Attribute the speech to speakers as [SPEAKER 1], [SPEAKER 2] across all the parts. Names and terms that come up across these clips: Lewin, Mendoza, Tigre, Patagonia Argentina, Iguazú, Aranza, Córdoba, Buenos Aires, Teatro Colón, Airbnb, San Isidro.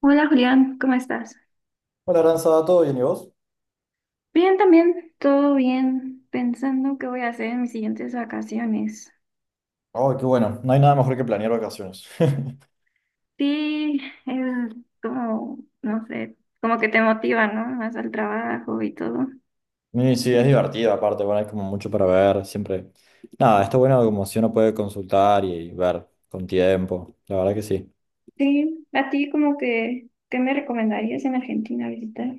[SPEAKER 1] Hola Julián, ¿cómo estás?
[SPEAKER 2] Hola, Aranza, ¿todo bien y vos?
[SPEAKER 1] Bien, también, todo bien, pensando qué voy a hacer en mis siguientes vacaciones.
[SPEAKER 2] Oh, qué bueno, no hay nada mejor que planear vacaciones.
[SPEAKER 1] Sí, es como, no sé, como que te motiva, ¿no? Más al trabajo y todo.
[SPEAKER 2] Y sí, es divertido, aparte, bueno, hay como mucho para ver, siempre. Nada, está bueno como si uno puede consultar y ver con tiempo, la verdad que sí.
[SPEAKER 1] Sí, a ti como que, ¿qué me recomendarías en Argentina visitar?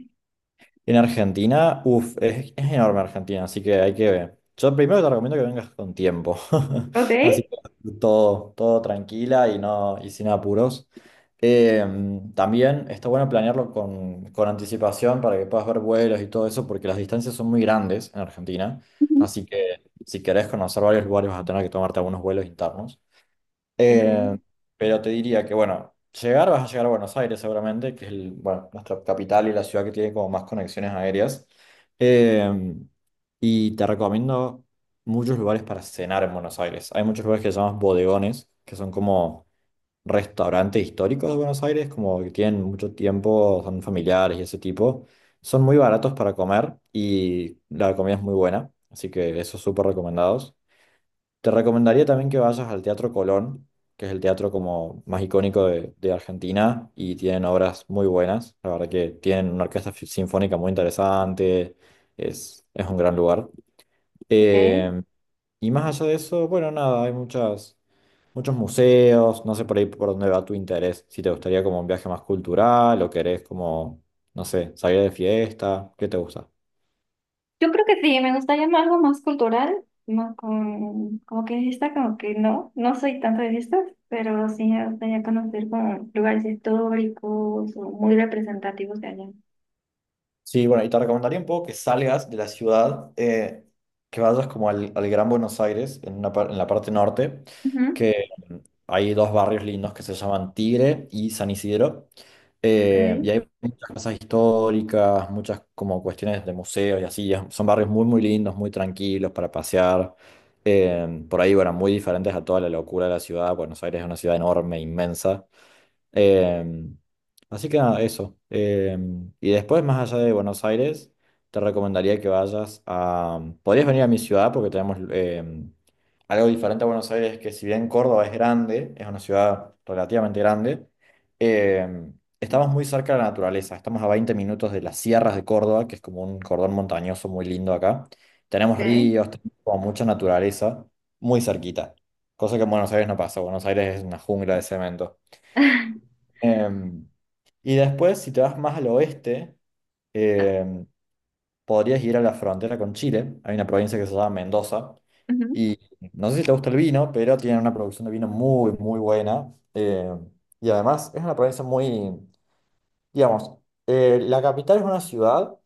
[SPEAKER 2] En Argentina, uff, es enorme Argentina, así que hay que ver. Yo primero te recomiendo que vengas con tiempo,
[SPEAKER 1] Ok.
[SPEAKER 2] así que todo, todo tranquila y, no, y sin apuros. Eh, También está bueno planearlo con anticipación para que puedas ver vuelos y todo eso, porque las distancias son muy grandes en Argentina,
[SPEAKER 1] Ujú.
[SPEAKER 2] así que si querés conocer varios lugares vas a tener que tomarte algunos vuelos internos.
[SPEAKER 1] Ok.
[SPEAKER 2] Eh, pero te diría que, bueno, vas a llegar a Buenos Aires seguramente, que es bueno, nuestra capital y la ciudad que tiene como más conexiones aéreas. Eh, y te recomiendo muchos lugares para cenar en Buenos Aires. Hay muchos lugares que se llaman bodegones, que son como restaurantes históricos de Buenos Aires, como que tienen mucho tiempo, son familiares y ese tipo. Son muy baratos para comer y la comida es muy buena, así que esos súper recomendados. Te recomendaría también que vayas al Teatro Colón, que es el teatro como más icónico de Argentina y tienen obras muy buenas. La verdad que tienen una orquesta sinfónica muy interesante, es un gran lugar.
[SPEAKER 1] Ok.
[SPEAKER 2] Eh, y más allá de eso, bueno, nada, hay muchos museos, no sé por ahí por dónde va tu interés, si te gustaría como un viaje más cultural o querés como, no sé, salir de fiesta, ¿qué te gusta?
[SPEAKER 1] Yo creo que sí, me gustaría algo más cultural, más con, como que fiesta, como que no, no soy tanto de fiestas, pero sí me gustaría conocer como lugares históricos o muy representativos de allá.
[SPEAKER 2] Sí, bueno, y te recomendaría un poco que salgas de la ciudad, que vayas como al Gran Buenos Aires, en la parte norte,
[SPEAKER 1] Ujú,
[SPEAKER 2] que hay dos barrios lindos que se llaman Tigre y San Isidro. Y
[SPEAKER 1] okay,
[SPEAKER 2] hay muchas casas históricas, muchas como cuestiones de museos y así. Son barrios muy, muy lindos, muy tranquilos para pasear. Por ahí, bueno, muy diferentes a toda la locura de la ciudad. Buenos Aires es una ciudad enorme, inmensa. Em, Así que nada, eso. Y después, más allá de Buenos Aires, te recomendaría que vayas a... Podrías venir a mi ciudad porque tenemos algo diferente a Buenos Aires, que si bien Córdoba es grande, es una ciudad relativamente grande, em, estamos muy cerca de la naturaleza. Estamos a 20 minutos de las sierras de Córdoba, que es como un cordón montañoso muy lindo acá. Tenemos
[SPEAKER 1] okay.
[SPEAKER 2] ríos, tenemos como mucha naturaleza, muy cerquita. Cosa que en Buenos Aires no pasa. Buenos Aires es una jungla de cemento. Em, y después, si te vas más al oeste, em, podrías ir a la frontera con Chile. Hay una provincia que se llama Mendoza.
[SPEAKER 1] Ujú,
[SPEAKER 2] Y no sé si te gusta el vino, pero tienen una producción de vino muy, muy buena. Y además es una provincia muy, digamos, la capital es una ciudad,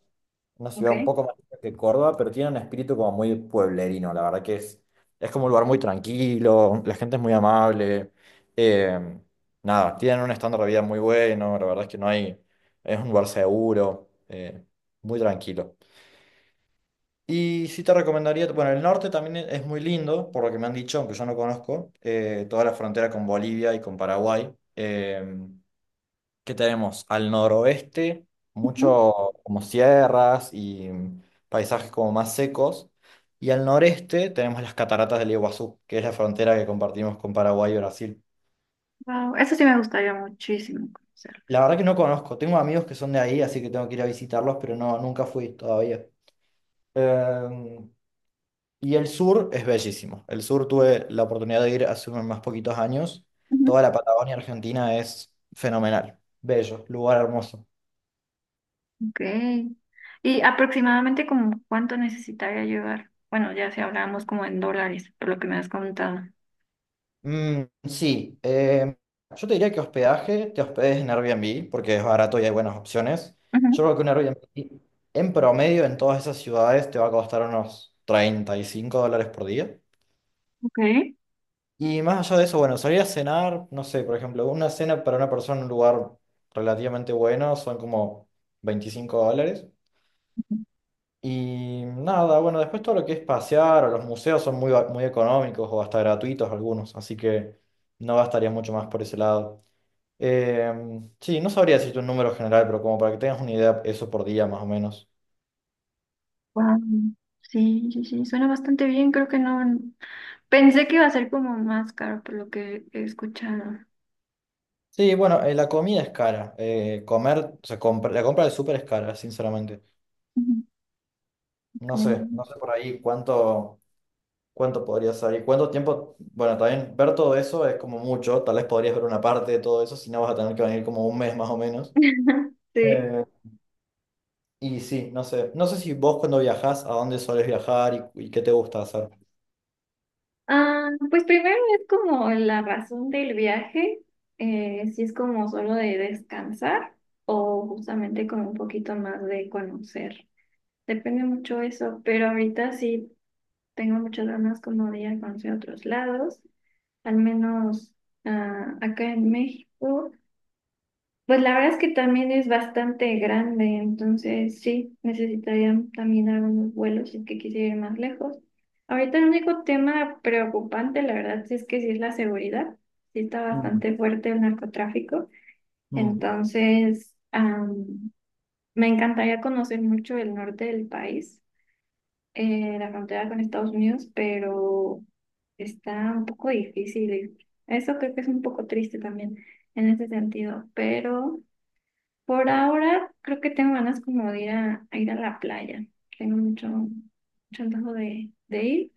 [SPEAKER 2] una ciudad un
[SPEAKER 1] okay,
[SPEAKER 2] poco más chica que Córdoba, pero tiene un espíritu como muy pueblerino, la verdad que es como un lugar muy tranquilo, la gente es muy amable, eh, nada, tienen un estándar de vida muy bueno, la verdad es que no hay, es un lugar seguro, muy tranquilo. Y sí te recomendaría, bueno, el norte también es muy lindo, por lo que me han dicho, aunque yo no conozco, toda la frontera con Bolivia y con Paraguay. eh, que tenemos al noroeste,
[SPEAKER 1] ujú.
[SPEAKER 2] mucho como sierras y paisajes como más secos, y al noreste tenemos las cataratas del Iguazú, que es la frontera que compartimos con Paraguay y Brasil.
[SPEAKER 1] Wow, eso sí me gustaría muchísimo conocerlo.
[SPEAKER 2] La verdad que no conozco, tengo amigos que son de ahí, así que tengo que ir a visitarlos, pero no, nunca fui todavía. Eh, y el sur es bellísimo. El sur tuve la oportunidad de ir hace unos más poquitos años.
[SPEAKER 1] Ujú.
[SPEAKER 2] Toda la Patagonia Argentina es fenomenal, bello, lugar hermoso.
[SPEAKER 1] Okay. ¿Y aproximadamente como cuánto necesitaría llevar? Bueno, ya si hablábamos como en dólares, por lo que me has contado.
[SPEAKER 2] Mm, sí, yo te diría que hospedaje, te hospedes en Airbnb porque es barato y hay buenas opciones.
[SPEAKER 1] Ujú,
[SPEAKER 2] Yo creo que un Airbnb en promedio en todas esas ciudades te va a costar unos US$35 por día.
[SPEAKER 1] okay.
[SPEAKER 2] Y más allá de eso, bueno, salir a cenar, no sé, por ejemplo, una cena para una persona en un lugar relativamente bueno son como US$25. Y nada, bueno, después todo lo que es pasear o los museos son muy económicos o hasta gratuitos algunos, así que no gastaría mucho más por ese lado. Sí, no sabría decirte un número general, pero como para que tengas una idea, eso por día más o menos.
[SPEAKER 1] Wow, sí, sí, sí, suena bastante bien, creo que no, pensé que iba a ser como más caro por lo que he escuchado.
[SPEAKER 2] Sí, bueno, la comida es cara. Comer, o sea, la compra del súper es cara, sinceramente.
[SPEAKER 1] Ujú.
[SPEAKER 2] No sé,
[SPEAKER 1] Ok.
[SPEAKER 2] por ahí cuánto podría salir, cuánto tiempo. Bueno, también ver todo eso es como mucho. Tal vez podrías ver una parte de todo eso, si no vas a tener que venir como un mes más o menos.
[SPEAKER 1] Sí.
[SPEAKER 2] Eh, y sí, no sé. No sé si vos cuando viajás, a dónde solés viajar y qué te gusta hacer.
[SPEAKER 1] Ah, pues primero es como la razón del viaje, si es como solo de descansar o justamente como un poquito más de conocer. Depende mucho eso, pero ahorita sí tengo muchas ganas como de ir a conocer otros lados, al menos acá en México. Pues la verdad es que también es bastante grande, entonces sí, necesitarían también algunos vuelos si es que quisiera ir más lejos. Ahorita el único tema preocupante, la verdad, sí es que sí es la seguridad. Sí está
[SPEAKER 2] Mm,
[SPEAKER 1] bastante fuerte el narcotráfico.
[SPEAKER 2] mm.
[SPEAKER 1] Entonces, me encantaría conocer mucho el norte del país, la frontera con Estados Unidos, pero está un poco difícil. Eso creo que es un poco triste también en ese sentido, pero... Por ahora creo que tengo ganas como de a ir a la playa. Tengo mucho, mucho antojo de ir.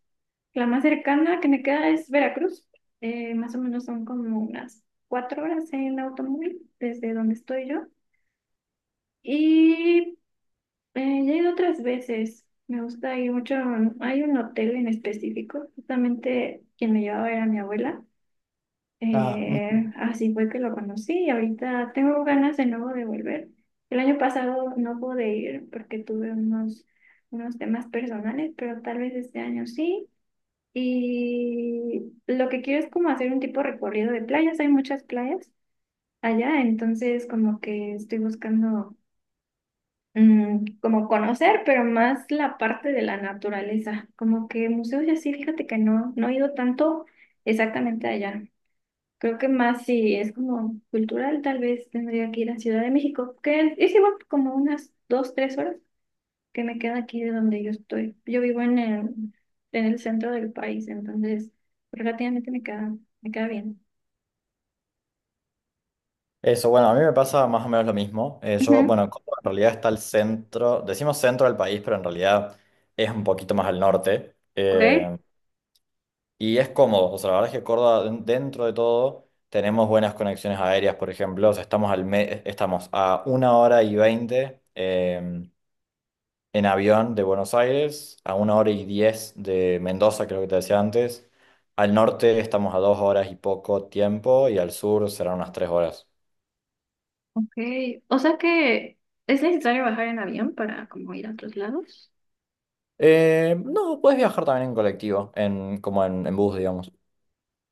[SPEAKER 1] La más cercana que me queda es Veracruz. Más o menos son como unas cuatro horas en automóvil desde donde estoy yo. Y ya he ido otras veces. Me gusta ir mucho. Hay un hotel en específico. Justamente quien me llevaba era mi abuela.
[SPEAKER 2] Ah.
[SPEAKER 1] Eh,
[SPEAKER 2] Mm.
[SPEAKER 1] así fue que lo conocí y ahorita tengo ganas de nuevo de volver. El año pasado no pude ir porque tuve unos temas personales, pero tal vez este año sí. Y lo que quiero es como hacer un tipo de recorrido de playas. Hay muchas playas allá, entonces como que estoy buscando como conocer, pero más la parte de la naturaleza. Como que museos y así, fíjate que no, no he ido tanto exactamente allá. Creo que más si es como cultural, tal vez tendría que ir a Ciudad de México, que es igual como unas dos, tres horas que me queda aquí de donde yo estoy. Yo vivo en el centro del país, entonces relativamente me queda bien.
[SPEAKER 2] Eso, bueno, a mí me pasa más o menos lo mismo. Yo,
[SPEAKER 1] Ujú,
[SPEAKER 2] bueno, Córdoba en realidad está al centro, decimos centro del país, pero en realidad es un poquito más al norte.
[SPEAKER 1] ok,
[SPEAKER 2] Y es cómodo, o sea, la verdad es que Córdoba, dentro de todo, tenemos buenas conexiones aéreas, por ejemplo. O sea, estamos, estamos a 1 hora y 20 en avión de Buenos Aires, a 1 hora y 10 de Mendoza, creo que te decía antes. Al norte estamos a 2 horas y poco tiempo, y al sur serán unas 3 horas.
[SPEAKER 1] ok. O sea que es necesario bajar en avión para como ir a otros lados.
[SPEAKER 2] No, puedes viajar también en colectivo, en bus, digamos.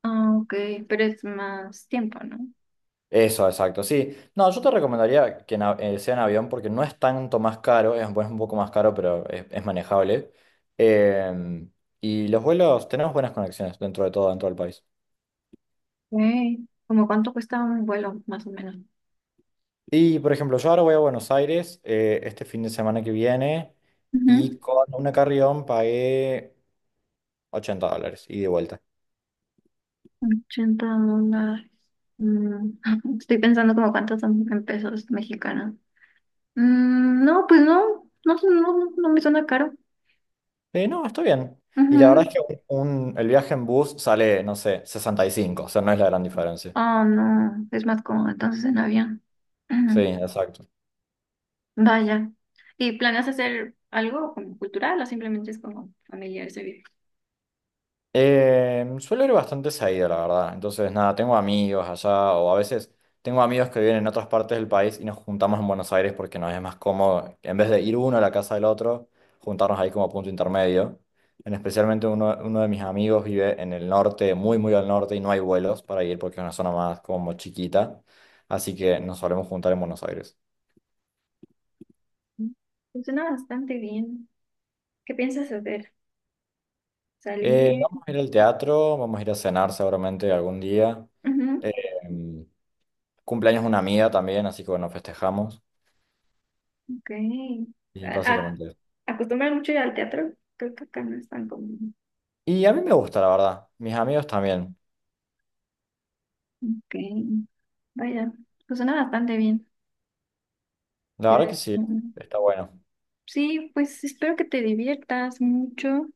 [SPEAKER 1] Ah, ok, pero es más tiempo, ¿no?
[SPEAKER 2] Eso, exacto, sí. No, yo te recomendaría que sea en avión porque no es tanto más caro, bueno, es un poco más caro, pero es manejable. Em, y los vuelos, tenemos buenas conexiones dentro de todo, dentro del país.
[SPEAKER 1] Ok. ¿Como cuánto cuesta un vuelo, más o menos?
[SPEAKER 2] Y, por ejemplo, yo ahora voy a Buenos Aires este fin de semana que viene y con una carrión pagué US$80 ida y de vuelta.
[SPEAKER 1] 80 dólares. Mm, estoy pensando como cuántos son en pesos mexicanos. Mm, no, pues no, no, no, no me suena caro.
[SPEAKER 2] No, está bien. Y la verdad es
[SPEAKER 1] Ujú.
[SPEAKER 2] que el viaje en bus sale, no sé, 65, o sea, no es la gran diferencia.
[SPEAKER 1] Oh, no, es más cómodo entonces en avión.
[SPEAKER 2] Sí,
[SPEAKER 1] Ujú.
[SPEAKER 2] exacto.
[SPEAKER 1] Vaya. ¿Y planeas hacer algo como cultural o simplemente es como familiar ese viaje?
[SPEAKER 2] Suelo ir bastante seguido, la verdad. Entonces, nada, tengo amigos allá, o a veces tengo amigos que viven en otras partes del país y nos juntamos en Buenos Aires porque nos es más cómodo, en vez de ir uno a la casa del otro, juntarnos ahí como punto intermedio. En especialmente uno de mis amigos vive en el norte, muy, muy al norte, y no hay vuelos para ir porque es una zona más como chiquita. Así que nos solemos juntar en Buenos Aires.
[SPEAKER 1] Mm, funciona bastante bien. ¿Qué piensas hacer? ¿Salir?
[SPEAKER 2] Vamos a ir al teatro, vamos a ir a cenar seguramente algún día.
[SPEAKER 1] Ujú,
[SPEAKER 2] Eh, Cumpleaños de una amiga también, así que bueno, festejamos
[SPEAKER 1] ok.
[SPEAKER 2] y
[SPEAKER 1] ¿A- a-
[SPEAKER 2] básicamente eso.
[SPEAKER 1] ¿Acostumbran mucho ir al teatro? Creo que acá no es tan común.
[SPEAKER 2] Y a mí me gusta, la verdad. Mis amigos también.
[SPEAKER 1] Ok. Vaya, pues suena bastante bien.
[SPEAKER 2] La verdad que
[SPEAKER 1] Eh,
[SPEAKER 2] sí,
[SPEAKER 1] mm,
[SPEAKER 2] está bueno.
[SPEAKER 1] Sí, pues espero que te diviertas mucho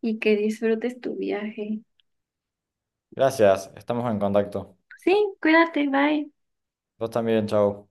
[SPEAKER 1] y que disfrutes tu viaje.
[SPEAKER 2] Gracias, estamos en contacto.
[SPEAKER 1] Sí, cuídate, bye.
[SPEAKER 2] Vos también, chau.